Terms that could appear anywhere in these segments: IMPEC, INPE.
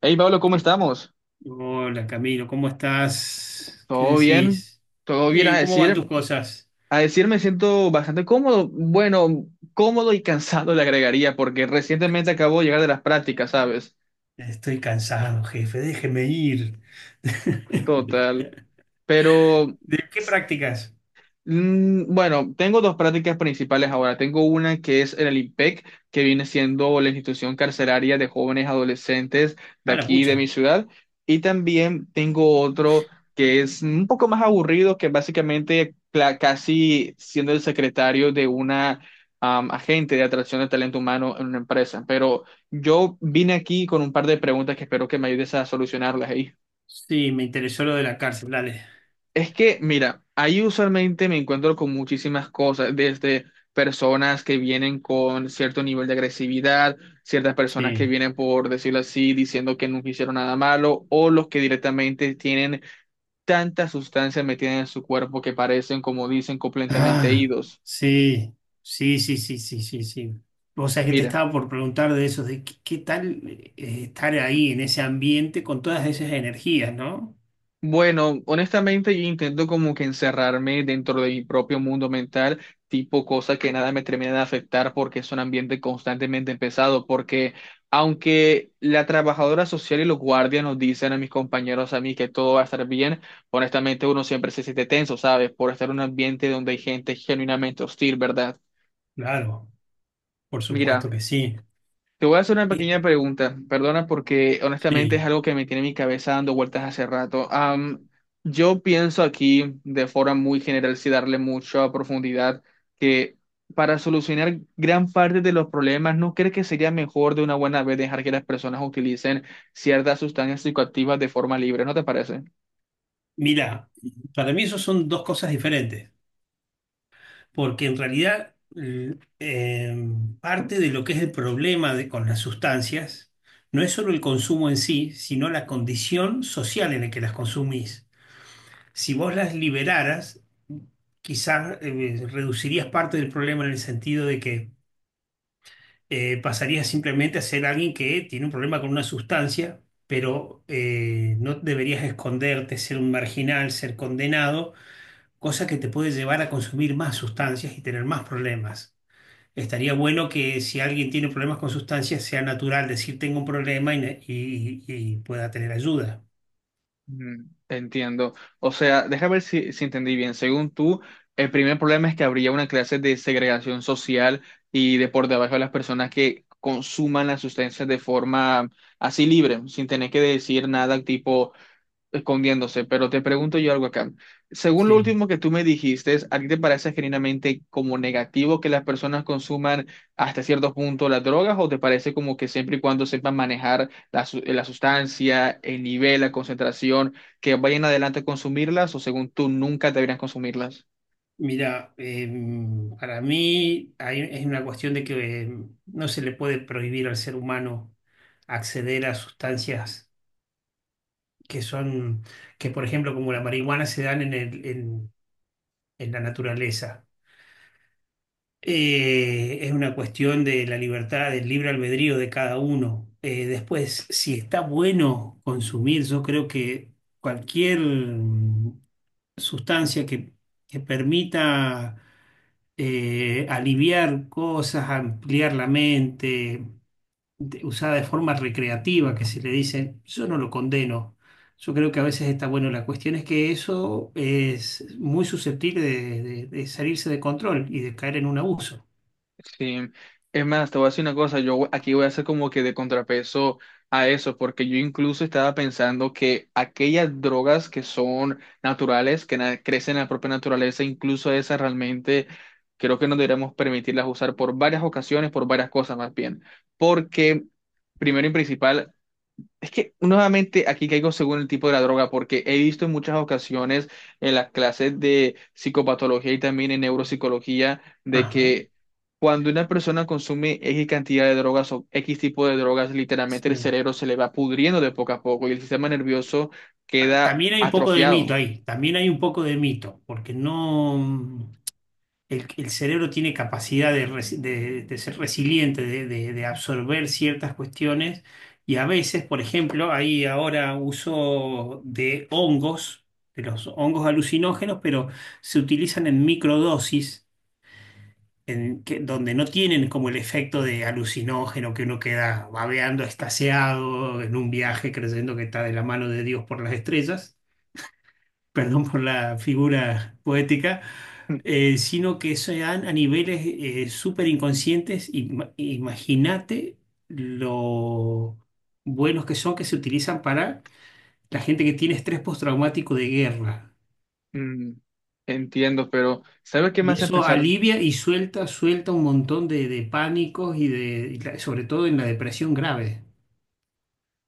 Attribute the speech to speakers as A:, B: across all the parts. A: Hey Pablo, ¿cómo estamos?
B: Hola Camilo, ¿cómo estás? ¿Qué
A: ¿Todo bien?
B: decís?
A: Todo bien a
B: Bien, ¿cómo van
A: decir,
B: tus cosas?
A: a decir, me siento bastante cómodo, bueno, cómodo y cansado le agregaría porque recientemente acabo de llegar de las prácticas, ¿sabes?
B: Estoy cansado, jefe, déjeme ir.
A: Total. Pero
B: ¿De qué prácticas?
A: Mm, Bueno, tengo dos prácticas principales ahora. Tengo una que es el IMPEC, que viene siendo la institución carcelaria de jóvenes adolescentes de
B: Ah, la
A: aquí, de mi
B: pucha.
A: ciudad. Y también tengo otro que es un poco más aburrido, que básicamente casi siendo el secretario de una agente de atracción de talento humano en una empresa. Pero yo vine aquí con un par de preguntas que espero que me ayudes a solucionarlas ahí.
B: Sí, me interesó lo de la cárcel, dale.
A: Es que, mira, ahí usualmente me encuentro con muchísimas cosas, desde personas que vienen con cierto nivel de agresividad, ciertas personas que
B: Sí.
A: vienen, por decirlo así, diciendo que nunca hicieron nada malo, o los que directamente tienen tanta sustancia metida en su cuerpo que parecen, como dicen, completamente
B: Ah,
A: idos.
B: sí, sí, sí, sí, sí, sí, sí. Vos sabés que te
A: Mira.
B: estaba por preguntar de eso, de qué, qué tal estar ahí en ese ambiente con todas esas energías, ¿no?
A: Bueno, honestamente yo intento como que encerrarme dentro de mi propio mundo mental, tipo cosa que nada me termina de afectar porque es un ambiente constantemente pesado, porque aunque la trabajadora social y los guardias nos dicen a mis compañeros, a mí que todo va a estar bien, honestamente uno siempre se siente tenso, ¿sabes? Por estar en un ambiente donde hay gente genuinamente hostil, ¿verdad?
B: Claro, por
A: Mira.
B: supuesto que sí.
A: Te voy a hacer una
B: Sí.
A: pequeña pregunta, perdona porque honestamente es
B: Sí.
A: algo que me tiene mi cabeza dando vueltas hace rato. Yo pienso aquí de forma muy general, sin darle mucha profundidad, que para solucionar gran parte de los problemas, ¿no crees que sería mejor de una buena vez dejar que las personas utilicen ciertas sustancias psicoactivas de forma libre? ¿No te parece?
B: Mira, para mí eso son dos cosas diferentes, porque en realidad parte de lo que es el problema con las sustancias no es solo el consumo en sí, sino la condición social en la que las consumís. Si vos las liberaras, quizás reducirías parte del problema en el sentido de que pasarías simplemente a ser alguien que tiene un problema con una sustancia, pero no deberías esconderte, ser un marginal, ser condenado, cosa que te puede llevar a consumir más sustancias y tener más problemas. Estaría bueno que si alguien tiene problemas con sustancias sea natural decir tengo un problema y pueda tener ayuda.
A: Entiendo. O sea, déjame ver si entendí bien. Según tú, el primer problema es que habría una clase de segregación social y de por debajo de las personas que consuman las sustancias de forma así libre, sin tener que decir nada tipo, escondiéndose, pero te pregunto yo algo acá. Según lo
B: Sí.
A: último que tú me dijiste, ¿a ti te parece genuinamente como negativo que las personas consuman hasta cierto punto las drogas o te parece como que siempre y cuando sepan manejar la, la sustancia, el nivel, la concentración, que vayan adelante a consumirlas o según tú nunca deberían consumirlas?
B: Mira, para mí es una cuestión de que no se le puede prohibir al ser humano acceder a sustancias que son, que por ejemplo como la marihuana se dan en en la naturaleza. Es una cuestión de la libertad, del libre albedrío de cada uno. Después, si está bueno consumir, yo creo que cualquier sustancia que permita aliviar cosas, ampliar la mente, usada de forma recreativa, que se le dice, yo no lo condeno. Yo creo que a veces está bueno. La cuestión es que eso es muy susceptible de salirse de control y de caer en un abuso.
A: Sí, es más, te voy a decir una cosa, aquí voy a hacer como que de contrapeso a eso, porque yo incluso estaba pensando que aquellas drogas que son naturales, que crecen en la propia naturaleza, incluso esas realmente creo que no deberíamos permitirlas usar por varias ocasiones, por varias cosas más bien, porque primero y principal, es que nuevamente aquí caigo según el tipo de la droga, porque he visto en muchas ocasiones en las clases de psicopatología y también en neuropsicología de
B: Ajá.
A: que cuando una persona consume X cantidad de drogas o X tipo de drogas, literalmente el
B: Sí.
A: cerebro se le va pudriendo de poco a poco y el sistema nervioso
B: Ah,
A: queda
B: también hay un poco de mito
A: atrofiado.
B: ahí, también hay un poco de mito, porque no, el cerebro tiene capacidad de ser resiliente, de absorber ciertas cuestiones, y a veces, por ejemplo, hay ahora uso de hongos, de los hongos alucinógenos, pero se utilizan en microdosis, donde no tienen como el efecto de alucinógeno que uno queda babeando, estaseado en un viaje creyendo que está de la mano de Dios por las estrellas. Perdón por la figura poética. Sino que sean a niveles súper inconscientes. Imagínate lo buenos que son que se utilizan para la gente que tiene estrés postraumático de guerra.
A: Mm, Entiendo, pero ¿sabes qué me
B: Y
A: hace
B: eso
A: pensar?
B: alivia y suelta, suelta un montón de pánicos y de sobre todo en la depresión grave.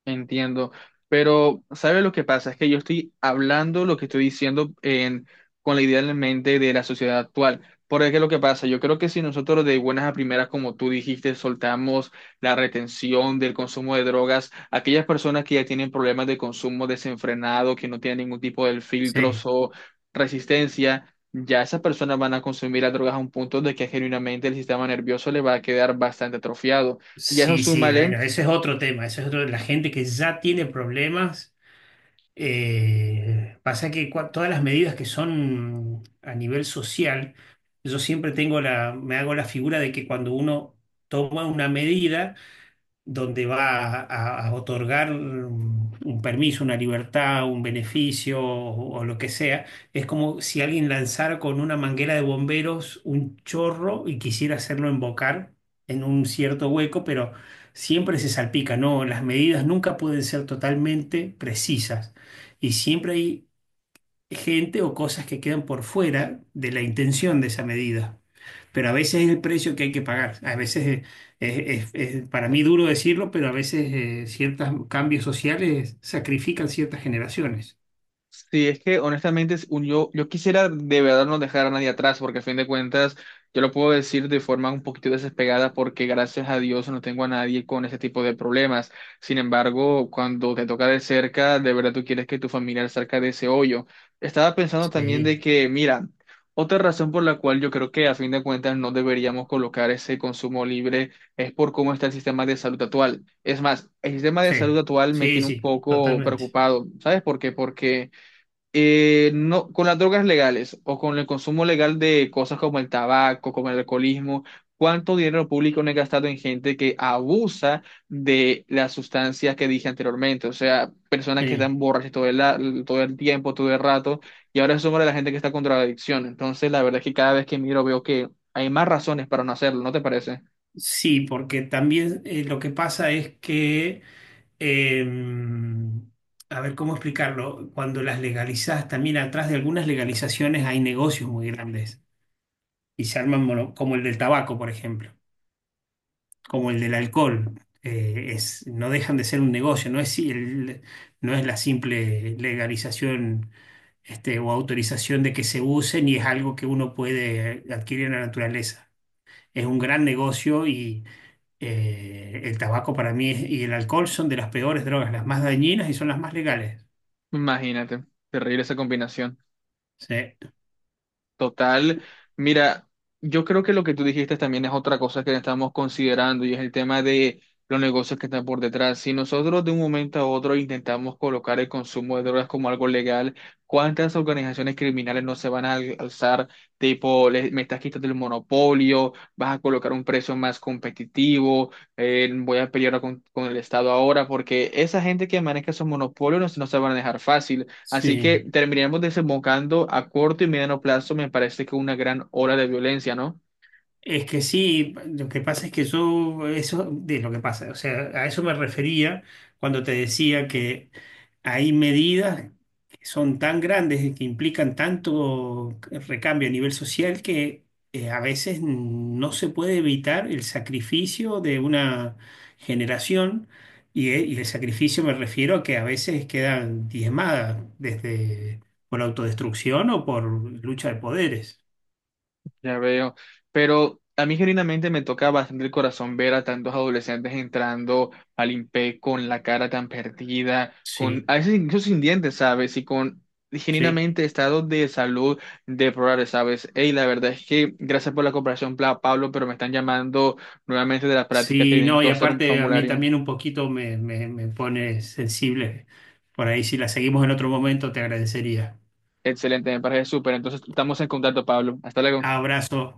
A: Entiendo, pero ¿sabe lo que pasa? Es que yo estoy hablando lo que estoy con la idea en la mente de la sociedad actual. Porque ¿qué es lo que pasa? Yo creo que si nosotros de buenas a primeras, como tú dijiste, soltamos la retención del consumo de drogas, aquellas personas que ya tienen problemas de consumo desenfrenado, que no tienen ningún tipo de
B: Sí,
A: filtros o resistencia, ya esas personas van a consumir las drogas a un punto de que genuinamente el sistema nervioso le va a quedar bastante atrofiado. Y a eso
B: sí, sí,
A: súmale.
B: bueno, ese es otro tema, ese es otro, la gente que ya tiene problemas. Pasa que todas las medidas que son a nivel social, yo siempre tengo la, me hago la figura de que cuando uno toma una medida, donde a otorgar un permiso, una libertad, un beneficio o lo que sea. Es como si alguien lanzara con una manguera de bomberos un chorro y quisiera hacerlo embocar en un cierto hueco, pero siempre se salpica, ¿no? Las medidas nunca pueden ser totalmente precisas y siempre hay gente o cosas que quedan por fuera de la intención de esa medida, pero a veces es el precio que hay que pagar. A veces es, para mí duro decirlo, pero a veces ciertos cambios sociales sacrifican ciertas generaciones.
A: Sí, es que honestamente yo quisiera de verdad no dejar a nadie atrás, porque a fin de cuentas yo lo puedo decir de forma un poquito despegada, porque gracias a Dios no tengo a nadie con ese tipo de problemas. Sin embargo, cuando te toca de cerca, de verdad tú quieres que tu familiar salga de ese hoyo. Estaba pensando también
B: Sí,
A: de que, mira, otra razón por la cual yo creo que a fin de cuentas no deberíamos colocar ese consumo libre es por cómo está el sistema de salud actual. Es más, el sistema de salud
B: sí,
A: actual me
B: sí,
A: tiene un
B: sí,
A: poco
B: totalmente.
A: preocupado. ¿Sabes por qué? Porque no, con las drogas legales o con el consumo legal de cosas como el tabaco, como el alcoholismo, ¿cuánto dinero público no he gastado en gente que abusa de las sustancias que dije anteriormente? O sea, personas que
B: Sí,
A: están borrachas todo el tiempo, todo el rato, y ahora somos de la gente que está con drogadicción. Entonces, la verdad es que cada vez que miro veo que hay más razones para no hacerlo, ¿no te parece?
B: sí, porque también lo que pasa es que, em, a ver, ¿cómo explicarlo? Cuando las legalizas, también atrás de algunas legalizaciones hay negocios muy grandes y se arman como el del tabaco, por ejemplo, como el del alcohol. Es, no dejan de ser un negocio, no es la simple legalización, este, o autorización de que se use, ni es algo que uno puede adquirir en la naturaleza. Es un gran negocio y el tabaco para mí y el alcohol son de las peores drogas, las más dañinas y son las más legales.
A: Imagínate, terrible esa combinación.
B: Sí,
A: Total, mira, yo creo que lo que tú dijiste también es otra cosa que estamos considerando y es el tema de los negocios que están por detrás. Si nosotros de un momento a otro intentamos colocar el consumo de drogas como algo legal, ¿cuántas organizaciones criminales no se van a alzar? Tipo, me estás quitando el monopolio, vas a colocar un precio más competitivo, voy a pelear con el Estado ahora, porque esa gente que maneja esos monopolios no, no se van a dejar fácil. Así que
B: sí.
A: terminaremos desembocando a corto y mediano plazo, me parece que una gran ola de violencia, ¿no?
B: Es que sí, lo que pasa es que yo, eso de lo que pasa, o sea, a eso me refería cuando te decía que hay medidas que son tan grandes y que implican tanto recambio a nivel social que a veces no se puede evitar el sacrificio de una generación y el sacrificio me refiero a que a veces quedan diezmadas desde por autodestrucción o por lucha de poderes.
A: Ya veo. Pero a mí genuinamente me toca bastante el corazón ver a tantos adolescentes entrando al INPE con la cara tan perdida, con
B: Sí,
A: a veces incluso sin dientes, ¿sabes? Y con
B: sí.
A: genuinamente estados de salud deplorables, ¿sabes? Ey, la verdad es que gracias por la cooperación, Pablo, pero me están llamando nuevamente de la práctica que
B: Sí, no,
A: necesito
B: y
A: hacer un
B: aparte a mí
A: formulario.
B: también un poquito me pone sensible. Por ahí, si la seguimos en otro momento, te agradecería.
A: Excelente, me parece súper. Entonces estamos en contacto, Pablo. Hasta luego.
B: Abrazo.